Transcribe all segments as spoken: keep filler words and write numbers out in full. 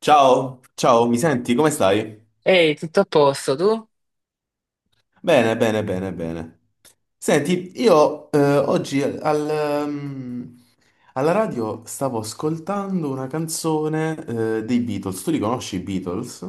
Ciao, ciao, mi senti? Come stai? Ehi, tutto a posto, tu? Bene, bene, bene, bene. Senti, io eh, oggi al, ehm, alla radio stavo ascoltando una canzone eh, dei Beatles. Tu li conosci i Beatles?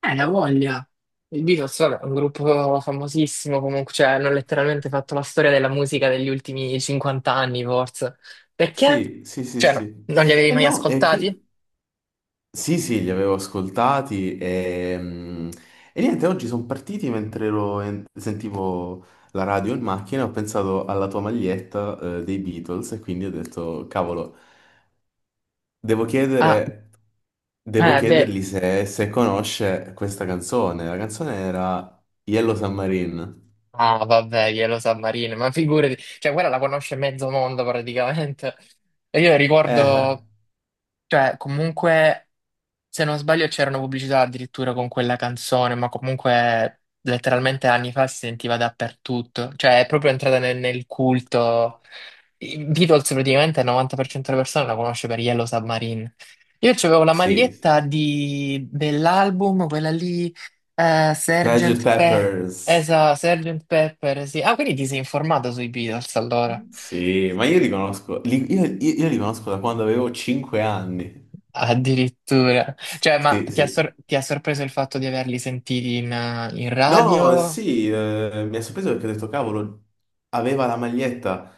Eh, la voglia. Il Beatles, vabbè, un gruppo famosissimo comunque, cioè hanno letteralmente fatto la storia della musica degli ultimi cinquanta anni, forse. Perché? Sì, sì, sì, Cioè, no, sì. non li avevi E mai no, e ascoltati? qui... Sì, sì, li avevo ascoltati e, mm, e niente, oggi sono partiti mentre ero in- sentivo la radio in macchina, ho pensato alla tua maglietta eh, dei Beatles e quindi ho detto, cavolo. Devo Ah, chiedere, devo eh, beh. chiedergli se, se conosce questa canzone. La canzone era Yellow Submarine. Ah, vabbè, glielo sa Marino, ma figurati, cioè quella la conosce mezzo mondo praticamente. E io Eh, ricordo, cioè, comunque. Se non sbaglio c'era una pubblicità addirittura con quella canzone, ma comunque letteralmente anni fa si sentiva dappertutto, cioè è proprio entrata nel, nel culto. I Beatles praticamente il novanta per cento delle persone la conosce per Yellow Submarine. Io avevo la sì, sì. maglietta di- dell'album, quella lì, eh, sergeant sergente Pe- Peppers. esa, sergente Pepper, sì. Ah, quindi ti sei informato sui Beatles allora? Sì, ma io li conosco, li- io, io- io li conosco da quando avevo cinque anni. Addirittura. Cioè, ma Sì, ti ha, sì. sor- ti ha sorpreso il fatto di averli sentiti in, eh, in No, radio? sì, eh, mi ha sorpreso perché ho detto, cavolo, aveva la maglietta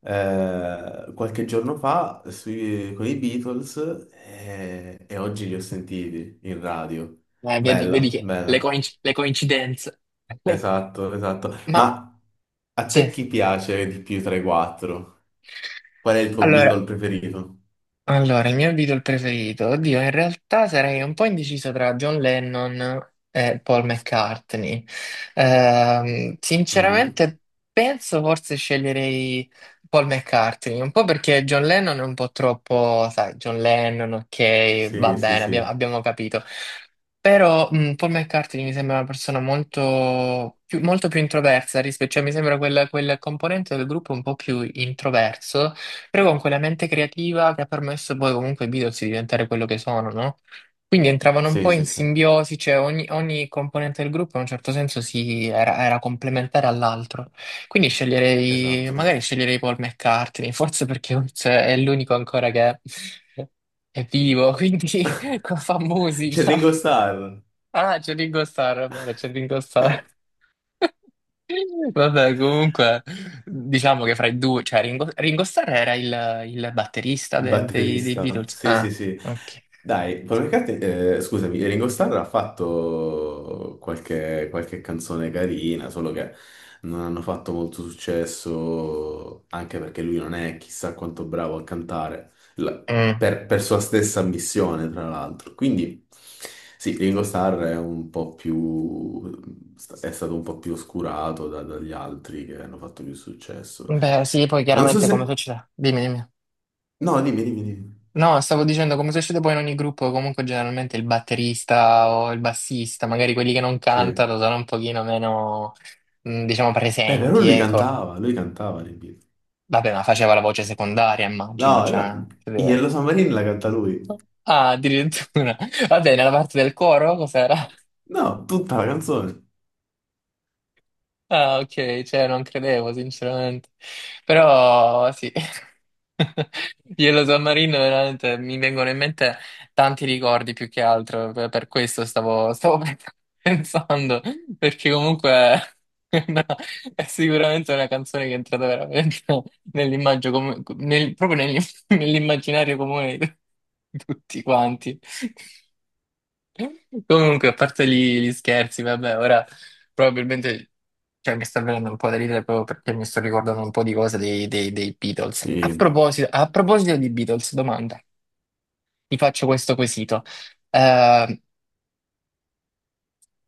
eh, qualche giorno fa sui- con i Beatles e, e oggi li ho sentiti in radio. Eh, vedi, Bella, vedi che bella, le, coinc- le coincidenze. esatto, esatto. Ma Ma a sì. te chi piace di più tra i quattro? Qual è il tuo Beatle Allora, preferito? Allora, il mio Beatle preferito, oddio, in realtà sarei un po' indeciso tra John Lennon e Paul McCartney. Ehm, Mhm. Sinceramente, penso forse sceglierei Paul McCartney, un po' perché John Lennon è un po' troppo, sai, John Lennon, ok, va Sì, sì, bene, abbiamo, sì, abbiamo capito. Però mh, Paul McCartney mi sembra una persona molto più, molto più introversa rispetto, cioè mi sembra quel, quel componente del gruppo un po' più introverso però con quella mente creativa che ha permesso poi comunque ai Beatles di diventare quello che sono, no? Quindi entravano un sì, po' sì, in sì, simbiosi, cioè ogni, ogni componente del gruppo in un certo senso si, era, era complementare all'altro. Quindi sceglierei, esatto. magari sceglierei Paul McCartney, forse perché Oates è l'unico ancora che è è vivo, quindi fa C'è musica. Ringo Starr. Ah, c'è Ringo Starr, è vero, c'è Ringo Starr. Vabbè, comunque, diciamo che fra i due, cioè Ringo, Ringo Starr era il, il batterista Il del- dei, dei batterista, Beatles. sì, sì, Ah, sì. ok. Dai, Paul McCartney, eh, scusami, Ringo Starr ha fatto qualche, qualche canzone carina, solo che non hanno fatto molto successo, anche perché lui non è chissà quanto bravo a cantare, la- Mm. per, per sua stessa missione, tra l'altro. Quindi, sì, Ringo Starr è un po' più, è stato un po' più oscurato da- dagli altri che hanno fatto più successo. Beh, sì, poi Non so chiaramente come se... succede? Dimmi, dimmi. No, dimmi, dimmi, dimmi. No, stavo dicendo come succede poi in ogni gruppo, comunque generalmente il batterista o il bassista, magari quelli che non Sì. cantano sono un pochino meno, mm, diciamo, Beh, però presenti, lui ecco. cantava, lui cantava le Beatles. Vabbè, ma faceva la voce secondaria, immagino, No, cioè... no, Yellow Submarine la canta lui. Ah, addirittura. Vabbè, nella parte del coro cos'era? No, tutta la canzone. Ah, ok, cioè non credevo sinceramente, però sì, Yellow Submarine veramente mi vengono in mente tanti ricordi più che altro, per per questo stavo, stavo pensando, perché comunque è una- è sicuramente una canzone che è entrata veramente nell'immagine, comu- nel- proprio nel- nell'immaginario comune di tutti quanti. Comunque, a parte gli, gli scherzi, vabbè, ora probabilmente cioè, mi sta venendo un po' da ridere proprio perché mi sto ricordando un po' di cose dei, dei- dei Beatles. A Sì, proposito, a proposito di Beatles, domanda, ti faccio questo quesito. Eh,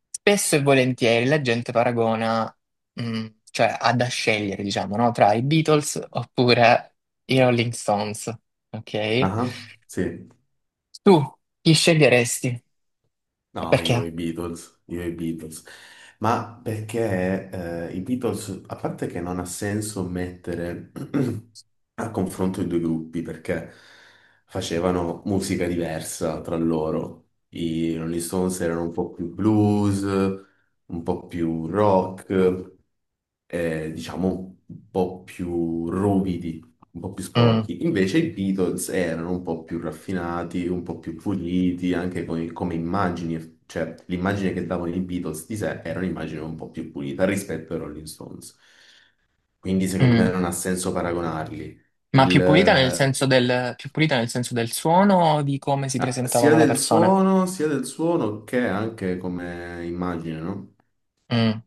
spesso e volentieri la gente paragona, mh, cioè ha da scegliere, diciamo, no? Tra i Beatles oppure i Rolling Stones, ok? ah, sì. Tu chi sceglieresti? No, io i Perché? Beatles, io i Beatles. Ma perché eh, i Beatles, a parte che non ha senso mettere a confronto i due gruppi, perché facevano musica diversa tra loro. I Rolling Stones erano un po' più blues, un po' più rock. Eh, diciamo, un po' più ruvidi, un po' più Mm, sporchi. Invece i Beatles erano un po' più raffinati, un po' più puliti, anche con- come immagini, cioè l'immagine che davano i Beatles di sé era un'immagine un po' più pulita rispetto ai Rolling Stones. Quindi secondo me mm. non ha senso paragonarli. Ma Il, più pulita nel eh, senso del, più pulita nel senso del suono o di come si ah, Sia presentavano le del persone? suono, sia del suono che anche come immagine, no? Mm.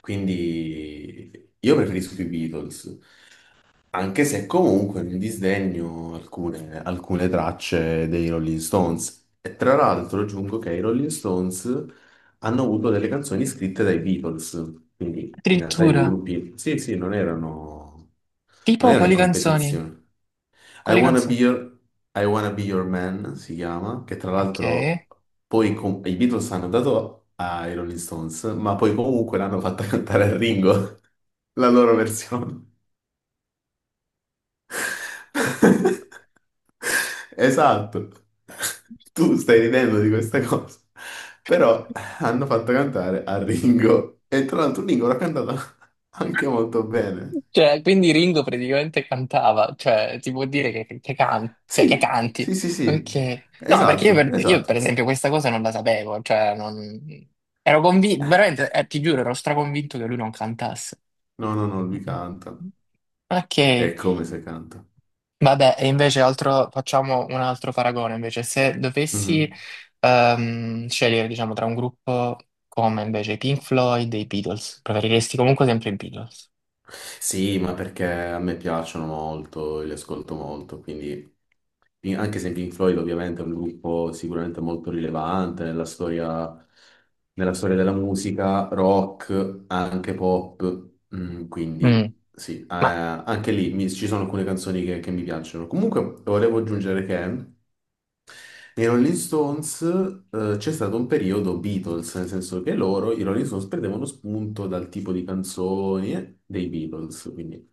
Quindi io preferisco i Beatles. Anche se comunque non disdegno alcune, alcune tracce dei Rolling Stones. E tra l'altro aggiungo che i Rolling Stones hanno avuto delle canzoni scritte dai Beatles, quindi in realtà i due Addirittura. gruppi, sì, sì, non erano, non Tipo erano in quali canzoni? competizione. I Quali Wanna Be canzoni? Your, I Wanna Be Your Man si chiama, che tra Ok. l'altro poi com- i Beatles hanno dato ai Rolling Stones, ma poi comunque l'hanno fatta cantare a Ringo, la loro versione. Esatto. Tu stai ridendo di questa cosa. Però hanno fatto cantare a Ringo. E tra l'altro Ringo l'ha cantata anche molto bene. Cioè, quindi Ringo praticamente cantava, cioè, ti vuol dire che, che, can- cioè, che Sì, canti. sì, sì, sì. Ok. No, perché io Esatto, per, io, per esatto. esempio questa cosa non la sapevo, cioè, non... Ero convinto, veramente, eh, ti giuro, ero straconvinto che lui non cantasse. No, no, no, lui canta. Ok. È come se canta. Vabbè, e invece altro, facciamo un altro paragone, invece, se dovessi Mhm. ehm, scegliere, diciamo, tra un gruppo come invece i Pink Floyd e i Beatles, preferiresti comunque sempre i Beatles. Sì, ma perché a me piacciono molto, li ascolto molto, quindi in- anche se Pink Floyd ovviamente è un gruppo sicuramente molto rilevante nella storia, nella storia della musica, rock, anche pop. mm, Mm. Quindi sì, eh, Ma anche lì mi- ci sono alcune canzoni che, che mi piacciono. Comunque volevo aggiungere che nei Rolling Stones eh, c'è stato un periodo Beatles, nel senso che loro, i Rolling Stones, prendevano spunto dal tipo di canzoni eh, dei Beatles, quindi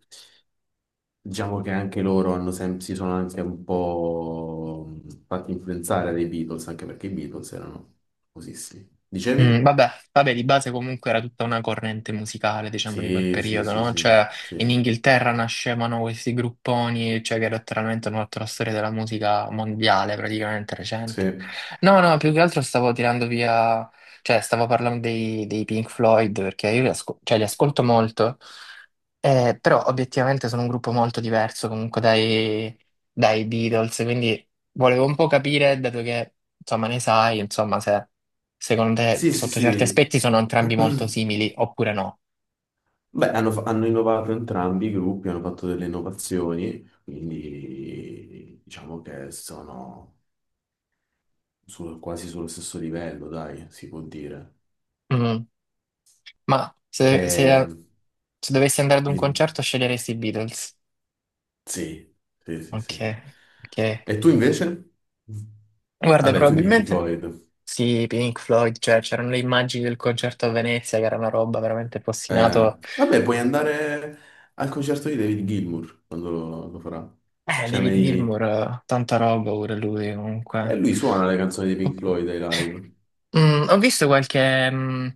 diciamo che anche loro hanno sem- si sono anche un po' mh, fatti influenzare dai Beatles, anche perché i Beatles erano famosissimi. mm, Dicevi? vabbè, vabbè, di base comunque era tutta una corrente musicale, diciamo, di quel Sì, sì, periodo, sì, no? sì, Cioè, in sì, Inghilterra nascevano questi grupponi, cioè, che letteralmente hanno fatto la storia della musica mondiale, praticamente recente. sì, No, no, più che altro stavo tirando via, cioè, stavo parlando dei, dei Pink Floyd, perché io li, asco- cioè, li ascolto molto, eh, però obiettivamente sono un gruppo molto diverso comunque dai, dai Beatles, quindi volevo un po' capire, dato che, insomma, ne sai, insomma, se... Secondo te, sì, sì, sotto certi sì. aspetti, sono entrambi molto simili, oppure no? Beh, hanno, fa- hanno innovato entrambi i gruppi, hanno fatto delle innovazioni, quindi diciamo che sono sul- quasi sullo stesso livello, dai, si può dire. Mm. Ma se, E- se- se dovessi andare ad un di- concerto, sceglieresti i Beatles? sì, sì, sì, Ok, sì. ok. E tu invece? Guarda, Vabbè, tu i Pink probabilmente Floyd. sì, Pink Floyd, cioè c'erano le immagini del concerto a Venezia, che era una roba veramente Eh, postinato. vabbè, puoi andare al concerto di David Gilmour quando lo, lo farà. Eh, Cioè, David mai... Gilmour, eh, tanta roba pure lui, eh, comunque. Lui suona le canzoni di Oh. Pink Floyd ai live. Mm, ho visto qualche, mm,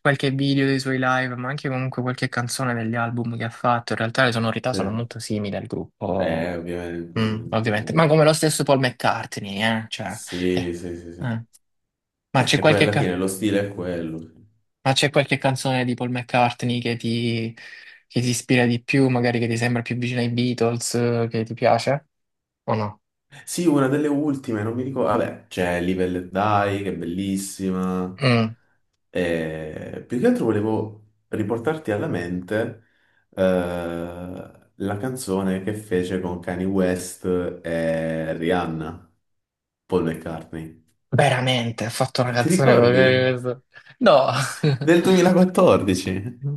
qualche video dei suoi live, ma anche comunque qualche canzone degli album che ha fatto. In realtà le sonorità Sì. sono molto simili al Eh, gruppo, Ovviamente, mm, ovviamente. Ma ovviamente. come lo stesso Paul McCartney, eh? Cioè, Sì, eh, sì, sì, sì. eh. Ma È c'è che poi qualche, alla ca- fine lo stile è quello. ma c'è qualche canzone di Paul McCartney che ti, che ti ispira di più, magari che ti sembra più vicina ai Beatles, eh, che ti piace? O no? Sì, una delle ultime, non mi ricordo. Vabbè, c'è Live e Let Die, che è bellissima. Mm, E più che altro volevo riportarti alla mente eh, la canzone che fece con Kanye West e Rihanna, Paul McCartney. veramente, ha fatto una Ti canzone con ricordi? questo? No! Del duemilaquattordici. Mm.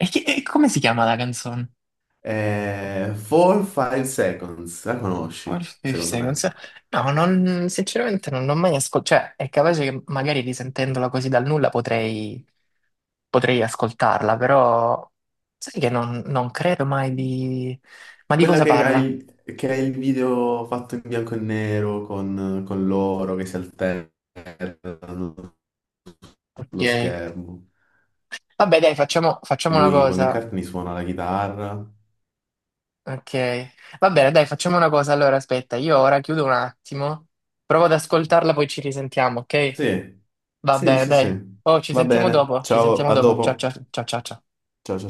E, chi- e come si chiama la canzone? Eh, four five Seconds, la Four conosci, Fifth secondo Seconds? me. No, non- sinceramente non l'ho mai ascoltata. Cioè, è capace che magari risentendola così dal nulla potrei, potrei ascoltarla, però sai che non, non credo mai di... Ma di Quella cosa che parla? hai, che è il video fatto in bianco e nero con, con loro che si alternano Ok. sullo schermo. Vabbè, dai, facciamo, E facciamo una lui, Paul cosa. McCartney, suona la chitarra. Ok. Va bene, dai, facciamo una cosa. Allora, aspetta, io ora chiudo un attimo, provo ad ascoltarla, poi ci risentiamo, ok? Sì, Va sì, bene, sì, dai. sì. Oh, ci Va sentiamo bene. dopo, ci Ciao, sentiamo a dopo. Ciao dopo. ciao ciao ciao ciao. Ciao, ciao.